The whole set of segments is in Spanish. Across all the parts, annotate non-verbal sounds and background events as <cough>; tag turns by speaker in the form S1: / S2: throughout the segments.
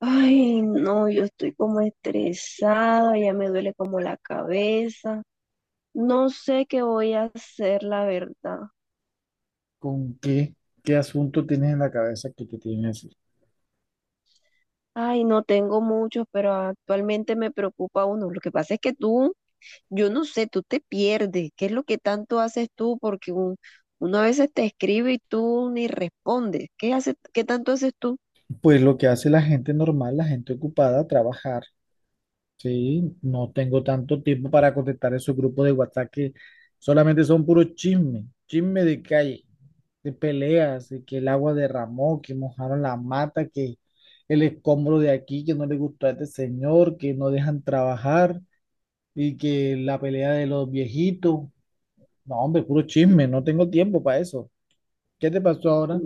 S1: Ay, no, yo estoy como estresada, ya me duele como la cabeza. No sé qué voy a hacer, la verdad.
S2: ¿Con qué, qué asunto tienes en la cabeza que te tienen así?
S1: Ay, no tengo muchos, pero actualmente me preocupa uno. Lo que pasa es que tú, yo no sé, tú te pierdes. ¿Qué es lo que tanto haces tú? Porque uno a veces te escribe y tú ni respondes. ¿Qué haces, qué tanto haces tú?
S2: Pues lo que hace la gente normal, la gente ocupada, trabajar, ¿sí? No tengo tanto tiempo para contestar esos grupos de WhatsApp que solamente son puro chisme, chisme de calle, de peleas, de que el agua derramó, que mojaron la mata, que el escombro de aquí, que no le gustó a este señor, que no dejan trabajar y que la pelea de los viejitos. No, hombre, puro chisme, no tengo tiempo para eso. ¿Qué te pasó ahora?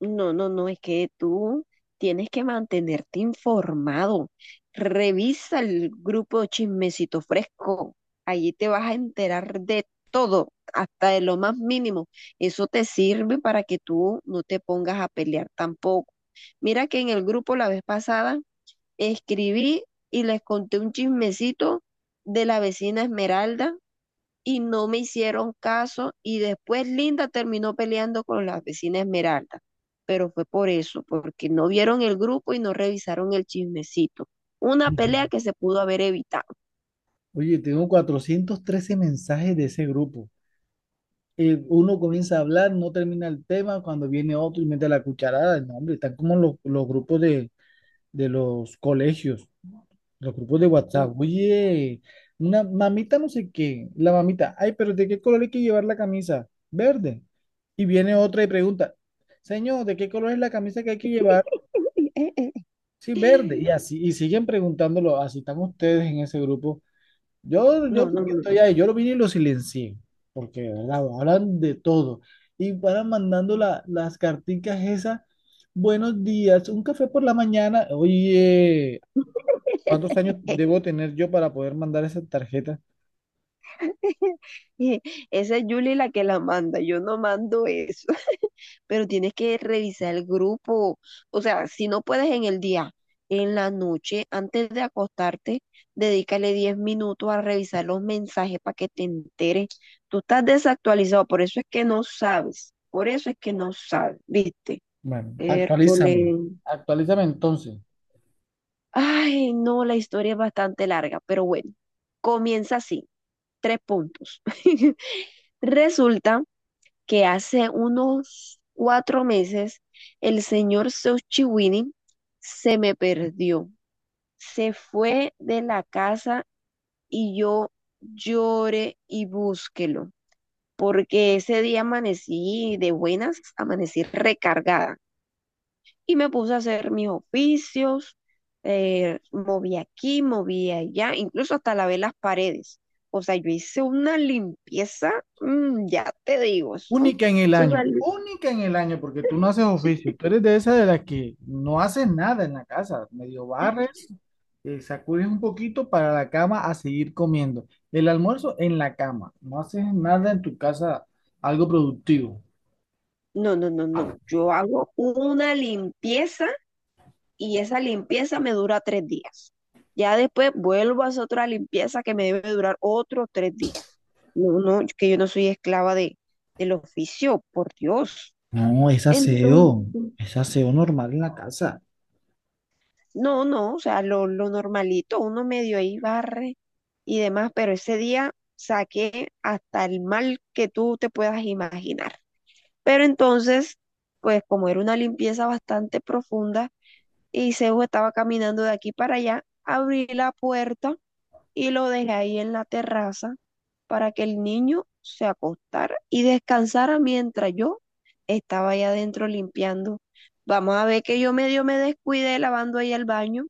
S1: No, no, no, es que tú tienes que mantenerte informado. Revisa el grupo Chismecito Fresco. Allí te vas a enterar de todo, hasta de lo más mínimo. Eso te sirve para que tú no te pongas a pelear tampoco. Mira que en el grupo la vez pasada escribí y les conté un chismecito de la vecina Esmeralda y no me hicieron caso y después Linda terminó peleando con la vecina Esmeralda, pero fue por eso, porque no vieron el grupo y no revisaron el chismecito. Una pelea
S2: <laughs>
S1: que se pudo haber evitado.
S2: Oye, tengo 413 mensajes de ese grupo. Uno comienza a hablar, no termina el tema, cuando viene otro y mete la cucharada. No, hombre, están como los grupos de los colegios, los grupos de WhatsApp. Oye, una mamita no sé qué, la mamita, ay, pero ¿de qué color hay que llevar la camisa? Verde. Y viene otra y pregunta, señor, ¿de qué color es la camisa que hay que llevar?
S1: <laughs>
S2: Sí, verde. Y así, y siguen preguntándolo, así están ustedes en ese grupo. Yo
S1: No, no,
S2: porque
S1: no.
S2: estoy ahí, yo lo vine y lo silencié, porque de verdad, hablan de todo. Y van mandando las carticas esas, buenos días, un café por la mañana. Oye, ¿cuántos años
S1: <laughs>
S2: debo tener yo para poder mandar esa tarjeta?
S1: Esa es Julie la que la manda, yo no mando eso. Pero tienes que revisar el grupo. O sea, si no puedes en el día, en la noche, antes de acostarte, dedícale 10 minutos a revisar los mensajes para que te enteres. Tú estás desactualizado, por eso es que no sabes, por eso es que no sabes, ¿viste?
S2: Bueno,
S1: Hércules.
S2: actualízame entonces.
S1: Ay, no, la historia es bastante larga, pero bueno, comienza así, tres puntos. <laughs> Resulta que hace unos 4 meses el señor Xochiwini se me perdió. Se fue de la casa y yo lloré y búsquelo, porque ese día amanecí de buenas, amanecí recargada y me puse a hacer mis oficios, moví aquí, moví allá, incluso hasta lavé las paredes. O sea, yo hice una limpieza, ya te digo, eso,
S2: Única en el
S1: eso
S2: año,
S1: salió.
S2: única en el año, porque tú no haces oficio, tú eres de esa de las que no haces nada en la casa, medio barres, sacudes un poquito para la cama a seguir comiendo. El almuerzo en la cama, no haces nada en tu casa, algo productivo.
S1: No, no, no, no. Yo hago una limpieza y esa limpieza me dura 3 días. Ya después vuelvo a hacer otra limpieza que me debe durar otros 3 días. No, no, que yo no soy esclava de, del oficio, por Dios.
S2: No,
S1: Entonces,
S2: es aseo normal en la casa.
S1: no, no, o sea, lo normalito, uno medio ahí barre y demás, pero ese día saqué hasta el mal que tú te puedas imaginar. Pero entonces, pues como era una limpieza bastante profunda, y Zeus estaba caminando de aquí para allá, abrí la puerta y lo dejé ahí en la terraza para que el niño se acostara y descansara mientras yo estaba allá adentro limpiando. Vamos a ver que yo medio me descuidé lavando ahí el baño.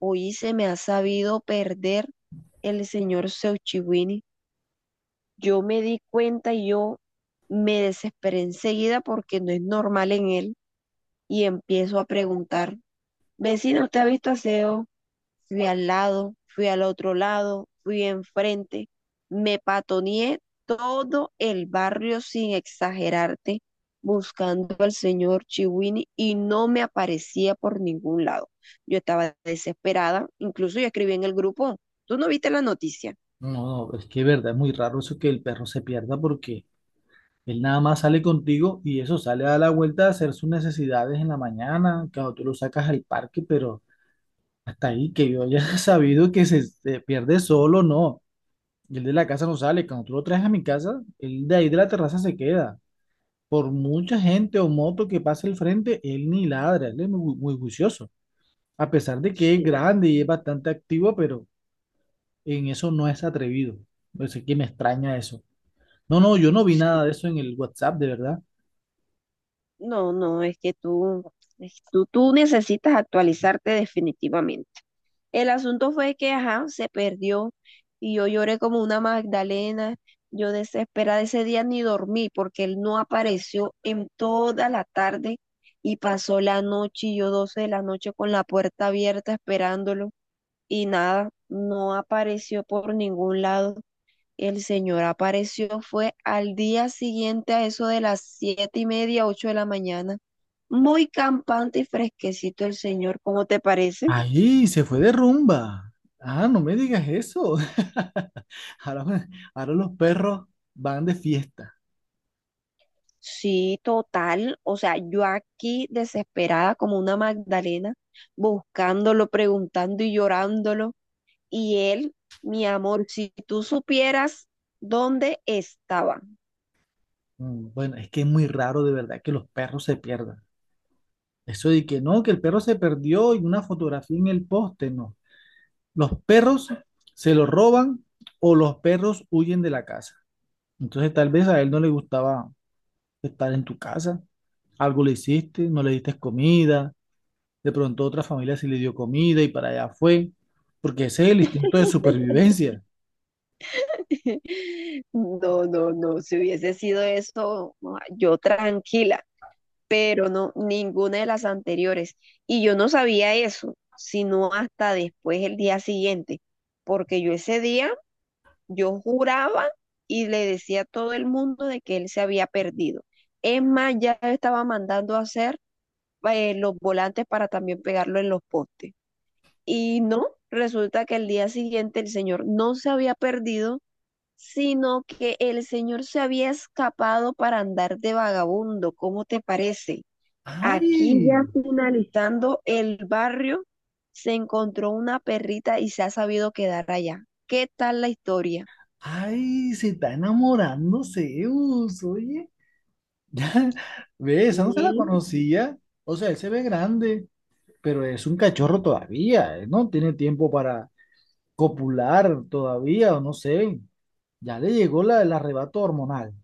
S1: Hoy se me ha sabido perder el señor Zeus Chiwini. Yo me di cuenta y yo me desesperé enseguida porque no es normal en él y empiezo a preguntar, vecina, ¿usted ha visto a Zeus? Fui al lado, fui al otro lado, fui enfrente, me patoneé todo el barrio sin exagerarte, buscando al señor Chiwini y no me aparecía por ningún lado. Yo estaba desesperada, incluso yo escribí en el grupo, ¿tú no viste la noticia?
S2: No, no, es que es verdad, es muy raro eso que el perro se pierda porque él nada más sale contigo y eso sale a dar la vuelta a hacer sus necesidades en la mañana, cuando tú lo sacas al parque, pero... Hasta ahí que yo haya <laughs> sabido que se pierde solo, no. Y el de la casa no sale. Cuando tú lo traes a mi casa, él de ahí de la terraza se queda. Por mucha gente o moto que pase al frente, él ni ladra, él es muy, muy juicioso. A pesar de que es
S1: Sí,
S2: grande y es bastante activo, pero en eso no es atrevido. Pues es que me extraña eso. No, no, yo no vi nada
S1: sí.
S2: de eso en el WhatsApp, de verdad.
S1: No, no, es que tú, tú necesitas actualizarte definitivamente. El asunto fue que, ajá, se perdió y yo lloré como una magdalena. Yo desesperada ese día ni dormí porque él no apareció en toda la tarde y pasó la noche y yo 12 de la noche con la puerta abierta esperándolo y nada, no apareció por ningún lado. El señor apareció fue al día siguiente a eso de las 7:30, 8 de la mañana. Muy campante y fresquecito el señor, ¿cómo te parece?
S2: Ahí se fue de rumba. Ah, no me digas eso. <laughs> Ahora, ahora los perros van de fiesta.
S1: Sí, total. O sea, yo aquí desesperada como una Magdalena, buscándolo, preguntando y llorándolo. Y él, mi amor, si tú supieras dónde estaba.
S2: Mm, bueno, es que es muy raro de verdad que los perros se pierdan. Eso de que no, que el perro se perdió y una fotografía en el poste, no. Los perros se lo roban o los perros huyen de la casa. Entonces tal vez a él no le gustaba estar en tu casa. Algo le hiciste, no le diste comida. De pronto otra familia sí le dio comida y para allá fue. Porque ese es el instinto de supervivencia.
S1: <laughs> No, no, no. Si hubiese sido eso, ah, yo tranquila, pero no, ninguna de las anteriores. Y yo no sabía eso, sino hasta después el día siguiente, porque yo ese día... Yo juraba y le decía a todo el mundo de que él se había perdido. Es más, ya estaba mandando a hacer los volantes para también pegarlo en los postes. Y no, resulta que el día siguiente el señor no se había perdido, sino que el señor se había escapado para andar de vagabundo. ¿Cómo te parece? Aquí
S2: ¡Ay!
S1: ya finalizando el barrio, se encontró una perrita y se ha sabido quedar allá. ¿Qué tal la historia?
S2: ¡Ay! Se está enamorando Zeus, oye. <laughs> Ya, ve, esa no se la
S1: Bien.
S2: conocía. O sea, él se ve grande, pero es un cachorro todavía. Él no tiene tiempo para copular todavía, o no sé. Ya le llegó el arrebato hormonal.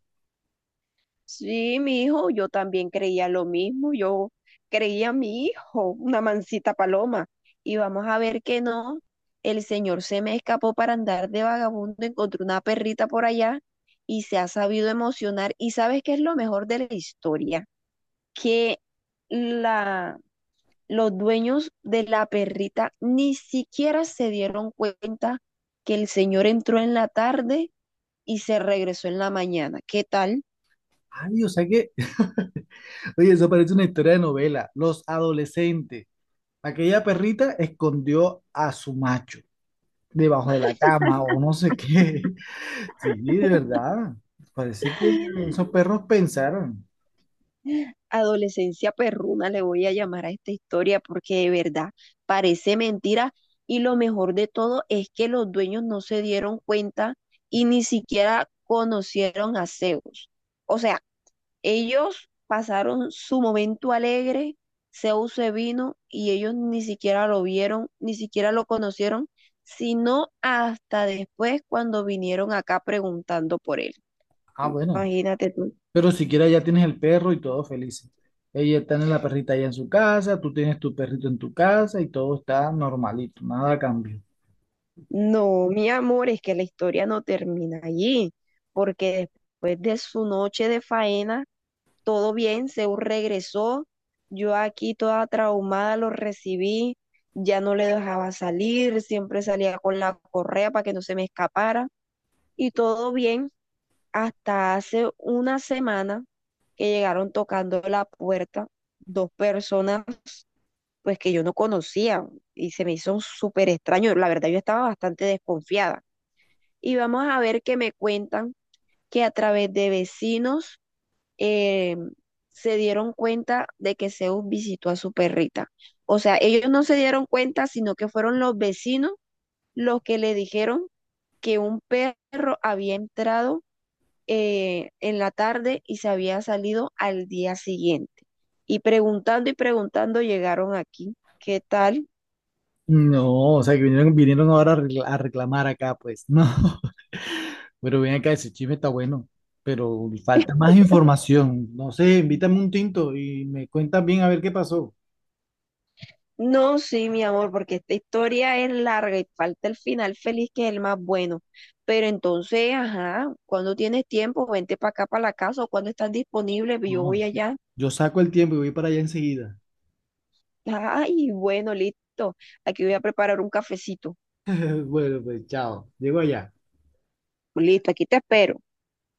S1: Sí, mi hijo, yo también creía lo mismo, yo creía a mi hijo, una mansita paloma, y vamos a ver que no, el señor se me escapó para andar de vagabundo, encontró una perrita por allá y se ha sabido emocionar. ¿Y sabes qué es lo mejor de la historia? Que la, los dueños de la perrita ni siquiera se dieron cuenta que el señor entró en la tarde y se regresó en la mañana. ¿Qué tal?
S2: Ay, o sea que, <laughs> oye, eso parece una historia de novela. Los adolescentes. Aquella perrita escondió a su macho debajo de la cama o no sé qué. <laughs> Sí, de verdad. Parece que esos perros pensaron.
S1: Adolescencia perruna le voy a llamar a esta historia porque de verdad parece mentira y lo mejor de todo es que los dueños no se dieron cuenta y ni siquiera conocieron a Zeus. O sea, ellos pasaron su momento alegre, Zeus se vino y ellos ni siquiera lo vieron, ni siquiera lo conocieron, sino hasta después cuando vinieron acá preguntando por él.
S2: Ah, bueno.
S1: Imagínate tú.
S2: Pero siquiera ya tienes el perro y todos felices. Ella está en la perrita allá en su casa, tú tienes tu perrito en tu casa y todo está normalito, nada cambió.
S1: No, mi amor, es que la historia no termina allí, porque después de su noche de faena, todo bien, Zeus regresó, yo aquí toda traumada lo recibí, ya no le dejaba salir, siempre salía con la correa para que no se me escapara, y todo bien, hasta hace una semana que llegaron tocando la puerta dos personas pues que yo no conocía, y se me hizo súper extraño, la verdad yo estaba bastante desconfiada. Y vamos a ver que me cuentan que a través de vecinos, eh, se dieron cuenta de que Zeus visitó a su perrita. O sea, ellos no se dieron cuenta, sino que fueron los vecinos los que le dijeron que un perro había entrado, en la tarde y se había salido al día siguiente. Y preguntando llegaron aquí. ¿Qué tal?
S2: No, o sea que vinieron, vinieron ahora a a reclamar acá, pues. No, <laughs> pero ven acá, ese chisme está bueno, pero falta más información. No sé, invítame un tinto y me cuentas bien a ver qué pasó.
S1: No, sí, mi amor, porque esta historia es larga y falta el final feliz que es el más bueno. Pero entonces, ajá, cuando tienes tiempo, vente para acá, para la casa, o cuando estás disponible, yo voy
S2: No,
S1: allá.
S2: yo saco el tiempo y voy para allá enseguida.
S1: Ay, bueno, listo. Aquí voy a preparar un cafecito.
S2: <laughs> Bueno, pues chao, llego allá.
S1: Listo, aquí te espero.